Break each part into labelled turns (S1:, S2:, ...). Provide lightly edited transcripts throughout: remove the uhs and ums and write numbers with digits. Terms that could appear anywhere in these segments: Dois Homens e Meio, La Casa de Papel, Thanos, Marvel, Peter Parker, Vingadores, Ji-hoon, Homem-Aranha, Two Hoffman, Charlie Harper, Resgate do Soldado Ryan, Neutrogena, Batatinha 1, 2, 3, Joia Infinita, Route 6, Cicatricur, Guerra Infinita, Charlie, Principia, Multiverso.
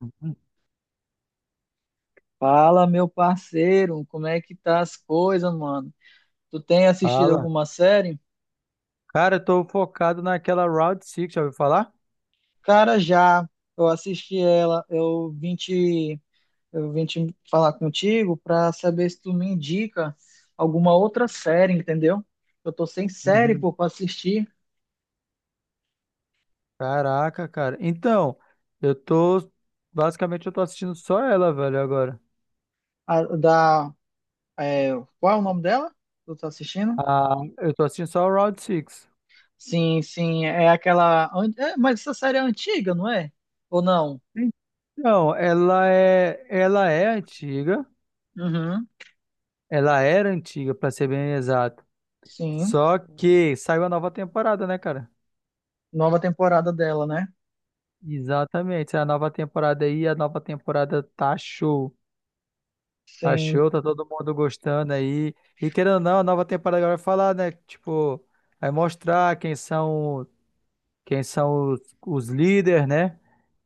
S1: Uhum.
S2: Fala, meu parceiro, como é que tá as coisas, mano? Tu tem assistido
S1: Fala.
S2: alguma série?
S1: Cara, eu tô focado naquela Route 6, já ouviu falar?
S2: Cara, já. Eu assisti ela. Eu vim te falar contigo pra saber se tu me indica alguma outra série, entendeu? Eu tô sem série,
S1: Uhum.
S2: pô, pra assistir.
S1: Caraca, cara. Então, eu tô. Basicamente, eu tô assistindo só ela, velho, agora.
S2: A, da, é, Qual é o nome dela? Tu tá assistindo?
S1: Ah, eu tô assistindo só a Route 6.
S2: Sim, sim, é aquela. É, mas essa série é antiga, não é? Ou não?
S1: Então, Ela é antiga.
S2: Uhum,
S1: Ela era antiga, pra ser bem exato.
S2: sim.
S1: Só que saiu a nova temporada, né, cara?
S2: Nova temporada dela, né?
S1: Exatamente. A nova temporada tá show. Tá
S2: Sim.
S1: show, tá todo mundo gostando aí. E querendo ou não, a nova temporada agora vai falar, né? Tipo, vai mostrar quem são os líderes, né?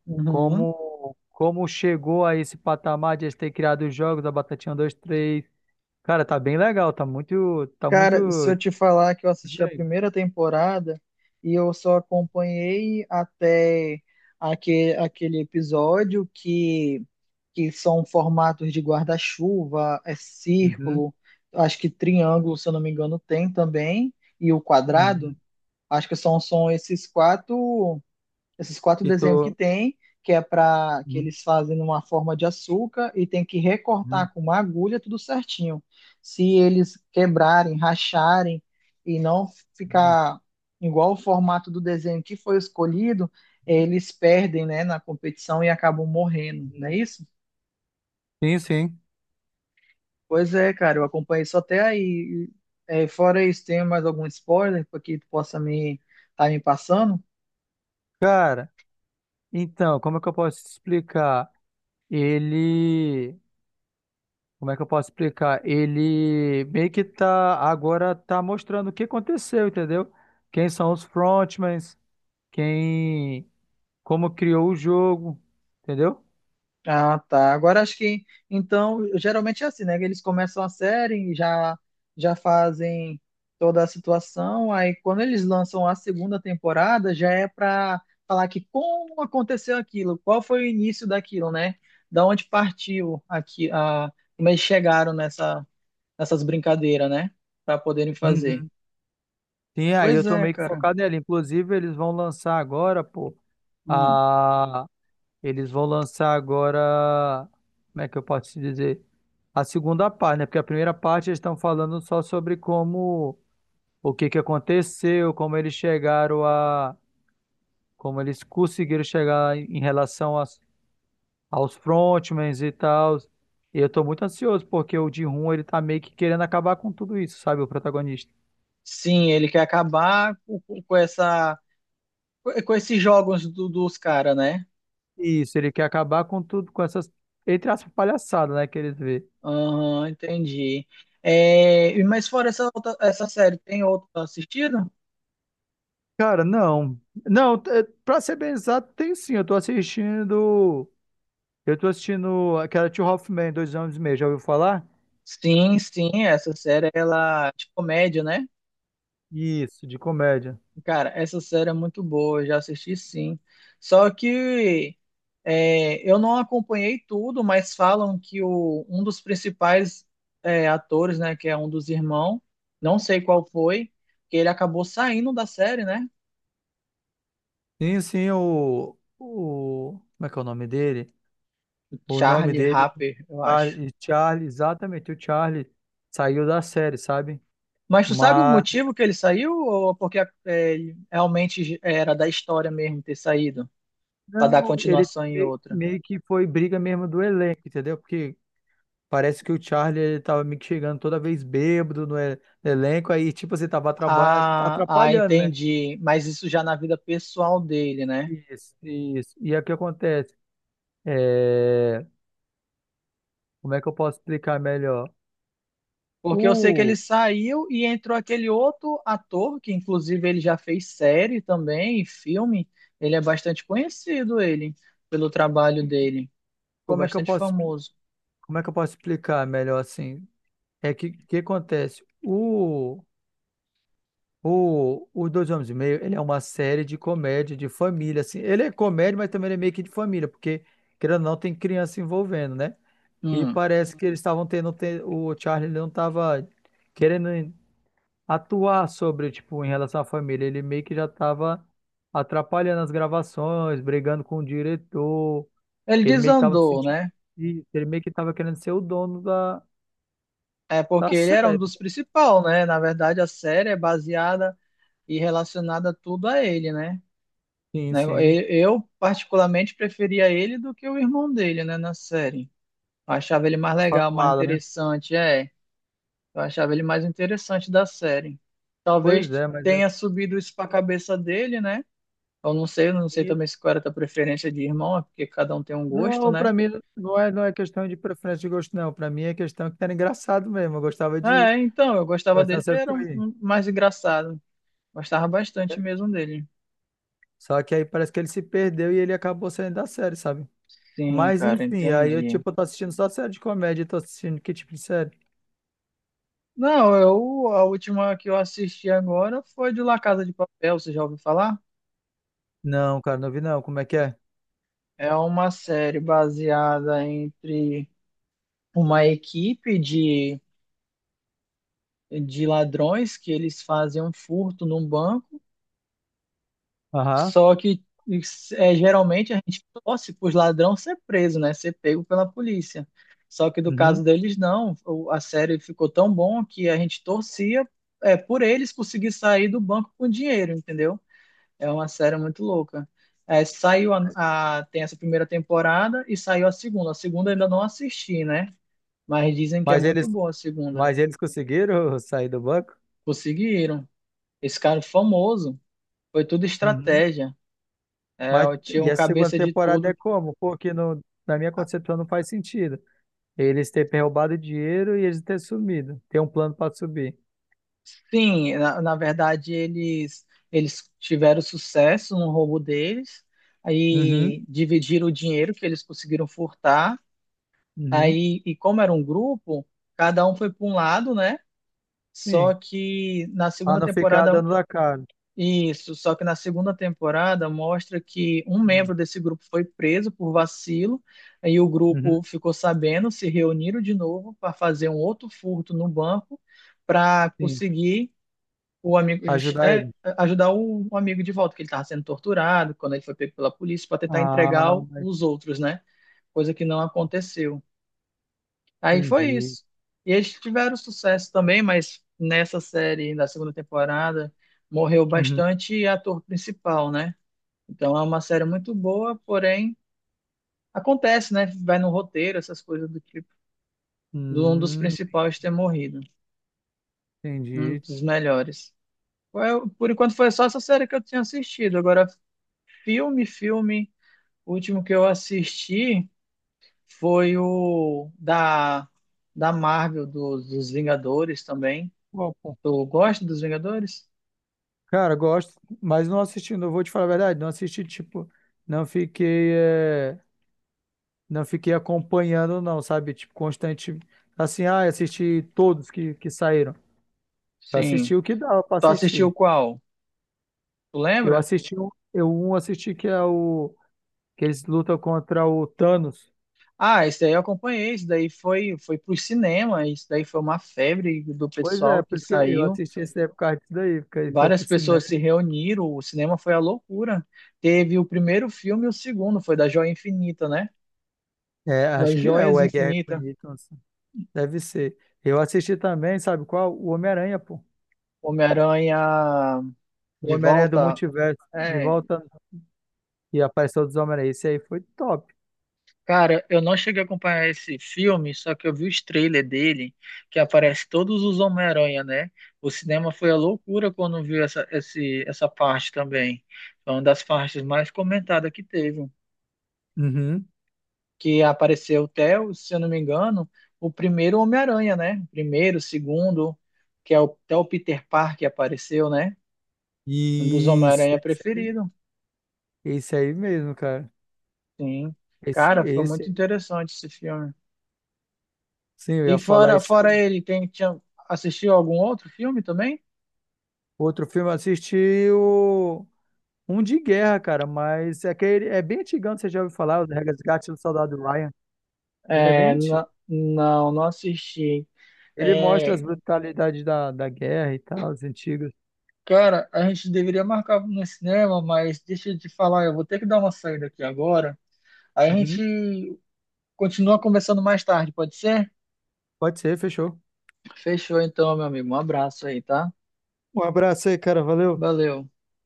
S2: Uhum.
S1: Como chegou a esse patamar de eles terem criado os jogos da Batatinha 1, 2, 3. Cara, tá bem legal, tá muito
S2: Cara, se eu te falar que eu assisti a
S1: diferente.
S2: primeira temporada e eu só acompanhei até aquele episódio que são formatos de guarda-chuva, é
S1: Uhum,
S2: círculo, acho que triângulo, se eu não me engano, tem também, e o quadrado.
S1: uhum.
S2: Acho que são esses quatro, esses quatro
S1: E
S2: desenhos que
S1: tô.
S2: tem, que é para que
S1: Uhum,
S2: eles fazem numa forma de açúcar e tem que
S1: uhum,
S2: recortar com uma agulha tudo certinho. Se eles quebrarem, racharem e não
S1: uhum,
S2: ficar igual o formato do desenho que foi escolhido, eles perdem, né, na competição e acabam morrendo, não é
S1: uhum.
S2: isso?
S1: Sim, sim.
S2: Pois é, cara, eu acompanhei só até aí. É, fora isso, tem mais algum spoiler para que tu possa me tá me passando?
S1: Cara, então, como é que eu posso te explicar? Ele. Como é que eu posso explicar? Ele meio que agora tá mostrando o que aconteceu, entendeu? Quem são os frontmans, quem como criou o jogo, entendeu?
S2: Ah, tá. Agora acho que então geralmente é assim, né? Eles começam a série e já fazem toda a situação, aí quando eles lançam a segunda temporada já é para falar que como aconteceu aquilo, qual foi o início daquilo, né? Da onde partiu aqui a como eles chegaram nessas brincadeiras, né? Para poderem fazer.
S1: Uhum. Sim, aí
S2: Pois
S1: eu tô
S2: é,
S1: meio que
S2: cara.
S1: focado nele. Inclusive, eles vão lançar agora, pô,
S2: Hum.
S1: a eles vão lançar agora, como é que eu posso te dizer? A segunda parte, né? Porque a primeira parte eles estão falando só sobre como o que que aconteceu, como eles conseguiram chegar em relação aos frontmans e tal. E eu tô muito ansioso, porque o Ji-hoon, ele tá meio que querendo acabar com tudo isso, sabe, o protagonista.
S2: Sim, ele quer acabar com essa, com esses jogos dos caras, né?
S1: Isso, ele quer acabar com tudo, com essas, entre aspas, palhaçadas, né, que eles vê.
S2: Aham, entendi. É, mas fora essa série, tem outra assistido?
S1: Cara, não. Não, pra ser bem exato, tem sim, eu tô assistindo aquela Two Hoffman, 2 anos e meio, já ouviu falar?
S2: Sim, sim, essa série, ela é de comédia, né?
S1: Isso, de comédia.
S2: Cara, essa série é muito boa, eu já assisti sim. Só que eu não acompanhei tudo, mas falam que um dos principais, atores, né, que é um dos irmãos, não sei qual foi, que ele acabou saindo da série, né?
S1: Sim, sim, o, como é que é o nome dele? O nome
S2: Charlie
S1: dele
S2: Harper, eu acho.
S1: Charlie, Charlie, exatamente, o Charlie saiu da série, sabe?
S2: Mas tu sabe o
S1: Mas
S2: motivo que ele saiu, ou porque ele realmente era da história mesmo ter saído para dar
S1: não, ele
S2: continuação em outra?
S1: meio que foi briga mesmo do elenco, entendeu? Porque parece que o Charlie ele tava meio que chegando toda vez bêbado no elenco, aí tipo você tava
S2: Ah,
S1: atrapalhando, né?
S2: entendi. Mas isso já na vida pessoal dele, né?
S1: Isso, isso. E aí o que acontece? É, Como é que eu posso explicar melhor?
S2: Porque eu sei que ele
S1: O...
S2: saiu e entrou aquele outro ator, que inclusive ele já fez série também, e filme. Ele é bastante conhecido, ele pelo trabalho dele. Ficou
S1: Como é que eu
S2: bastante
S1: posso, expli-
S2: famoso.
S1: como é que eu posso explicar melhor assim? É que acontece? O Dois Homens e Meio, ele é uma série de comédia, de família, assim. Ele é comédia, mas também ele é meio que de família, porque, querendo ou não, tem criança se envolvendo, né? E
S2: Hum.
S1: parece que eles estavam tendo, o Charlie ele não estava querendo atuar sobre, tipo, em relação à família. Ele meio que já estava atrapalhando as gravações, brigando com o diretor.
S2: Ele
S1: Ele meio que estava
S2: desandou,
S1: sentindo
S2: né?
S1: isso, ele meio que estava querendo ser o dono da,
S2: É porque
S1: da
S2: ele era um
S1: série.
S2: dos principais, né? Na verdade, a série é baseada e relacionada tudo a ele, né?
S1: Sim, sim.
S2: Eu, particularmente, preferia ele do que o irmão dele, né, na série. Eu achava ele mais
S1: Tá
S2: legal,
S1: falando
S2: mais
S1: nada, né?
S2: interessante, é. Eu achava ele mais interessante da série.
S1: Pois
S2: Talvez
S1: é, mas é
S2: tenha subido isso pra cabeça dele, né? Eu não sei
S1: assim.
S2: também se qual era a tua preferência de irmão, é porque cada um tem um gosto,
S1: Não,
S2: né?
S1: para mim não é questão de preferência de gosto, não. Para mim é questão que era engraçado mesmo. Eu gostava de
S2: É, então, eu gostava
S1: gostava
S2: dele, que
S1: sempre que
S2: era
S1: eu ia.
S2: um mais engraçado. Gostava bastante mesmo dele.
S1: Só que aí parece que ele se perdeu e ele acabou saindo da série, sabe?
S2: Sim,
S1: Mas
S2: cara,
S1: enfim, aí eu
S2: entendi.
S1: tipo, eu tô assistindo só série de comédia, tô assistindo que tipo de série?
S2: Não, eu, a última que eu assisti agora foi de La Casa de Papel, você já ouviu falar?
S1: Não, cara, não vi não. Como é que é?
S2: É uma série baseada entre uma equipe de ladrões que eles fazem um furto num banco,
S1: Aham.
S2: só que geralmente a gente torce para os ladrões ser preso, né? Ser pego pela polícia. Só que do
S1: Uhum.
S2: caso deles, não. A série ficou tão bom que a gente torcia por eles conseguir sair do banco com dinheiro, entendeu? É uma série muito louca. É, saiu tem essa primeira temporada e saiu a segunda. A segunda eu ainda não assisti, né? Mas dizem que é
S1: Mas
S2: muito
S1: eles,
S2: boa a segunda.
S1: mas eles conseguiram sair do banco?
S2: Conseguiram. Esse cara é famoso, foi tudo
S1: Uhum.
S2: estratégia. É,
S1: Mas
S2: eu tinha
S1: e
S2: um
S1: a segunda
S2: cabeça de
S1: temporada é
S2: tudo.
S1: como? Porque na minha
S2: Ah,
S1: concepção não faz sentido. Eles terem roubado dinheiro e eles terem sumido. Tem um plano para subir.
S2: sim, na verdade eles tiveram sucesso no roubo deles,
S1: Uhum,
S2: aí dividiram o dinheiro que eles conseguiram furtar.
S1: uhum,
S2: Aí, e como era um grupo, cada um foi para um lado, né?
S1: sim.
S2: Só que na
S1: Pra
S2: segunda
S1: não ficar
S2: temporada,
S1: dando a cara.
S2: isso, só que na segunda temporada mostra que um membro desse grupo foi preso por vacilo, aí o
S1: Uhum,
S2: grupo ficou sabendo, se reuniram de novo para fazer um outro furto no banco para
S1: sim.
S2: conseguir o amigo
S1: Ajudar
S2: é,
S1: ele.
S2: ajudar o amigo de volta, que ele estava sendo torturado quando ele foi pego pela polícia, para tentar
S1: Ah,
S2: entregar os outros, né? Coisa que não aconteceu. Aí foi
S1: entendi.
S2: isso. E eles tiveram sucesso também, mas nessa série, na segunda temporada, morreu
S1: Uhum.
S2: bastante ator principal, né? Então é uma série muito boa, porém acontece, né? Vai no roteiro, essas coisas do tipo, do um dos
S1: Hum,
S2: principais ter morrido, um
S1: entendi.
S2: dos melhores. Por enquanto foi só essa série que eu tinha assistido. Agora, filme, o último que eu assisti foi o da Marvel, dos Vingadores também.
S1: Opa.
S2: Tu gosta dos Vingadores?
S1: Cara, gosto, mas não assistindo, eu vou te falar a verdade, não assisti, tipo, não fiquei, é, não fiquei acompanhando, não, sabe? Tipo, constante, assim, assisti todos que saíram. Eu
S2: Sim.
S1: assisti o que dava pra
S2: Tu assistiu
S1: assistir.
S2: qual? Tu
S1: Eu
S2: lembra?
S1: assisti um, eu um assisti que é o que eles lutam contra o Thanos.
S2: Ah, esse daí eu acompanhei, isso daí foi pro cinema, isso daí foi uma febre do
S1: Pois é,
S2: pessoal que
S1: por isso que eu
S2: saiu.
S1: assisti esse daí por causa disso daí, porque ele foi
S2: Várias
S1: pro
S2: pessoas se
S1: cinema.
S2: reuniram, o cinema foi a loucura. Teve o primeiro filme e o segundo, foi da Joia Infinita, né?
S1: É,
S2: Das
S1: acho que é o
S2: Joias
S1: É Guerra
S2: Infinita.
S1: Infinita, assim. Deve ser. Eu assisti também, sabe qual? O Homem-Aranha, pô.
S2: Homem-Aranha
S1: O
S2: de
S1: Homem-Aranha do
S2: volta,
S1: Multiverso, de
S2: é.
S1: volta e apareceu dos Homem-Aranha. Esse aí foi top.
S2: Cara, eu não cheguei a acompanhar esse filme, só que eu vi os trailers dele, que aparece todos os Homem-Aranha, né? O cinema foi a loucura quando viu essa parte também. Foi uma das partes mais comentadas que teve.
S1: Uhum.
S2: Que apareceu até, se eu não me engano, o primeiro Homem-Aranha, né? O primeiro, o segundo, que é o, até o Peter Parker apareceu, né? Um dos
S1: Isso.
S2: Homem-Aranha preferido.
S1: Esse aí mesmo, cara.
S2: Sim.
S1: Esse,
S2: Cara, foi
S1: esse
S2: muito
S1: aí.
S2: interessante esse filme.
S1: Sim, eu
S2: E
S1: ia falar isso
S2: fora
S1: aí.
S2: ele, tinha, assistiu algum outro filme também?
S1: Outro filme, eu assisti o. Um de guerra, cara, mas é que ele é bem antigão, você já ouviu falar, o Resgate do Soldado Ryan. Ele é bem
S2: É,
S1: antigo.
S2: não, não assisti.
S1: Ele mostra
S2: É,
S1: as brutalidades da guerra e tal, os antigos.
S2: cara, a gente deveria marcar no cinema, mas deixa eu te falar, eu vou ter que dar uma saída aqui agora. Aí a
S1: Uhum.
S2: gente continua conversando mais tarde, pode ser?
S1: Pode ser, fechou.
S2: Fechou então, meu amigo. Um abraço aí, tá?
S1: Um abraço aí, cara, valeu.
S2: Valeu.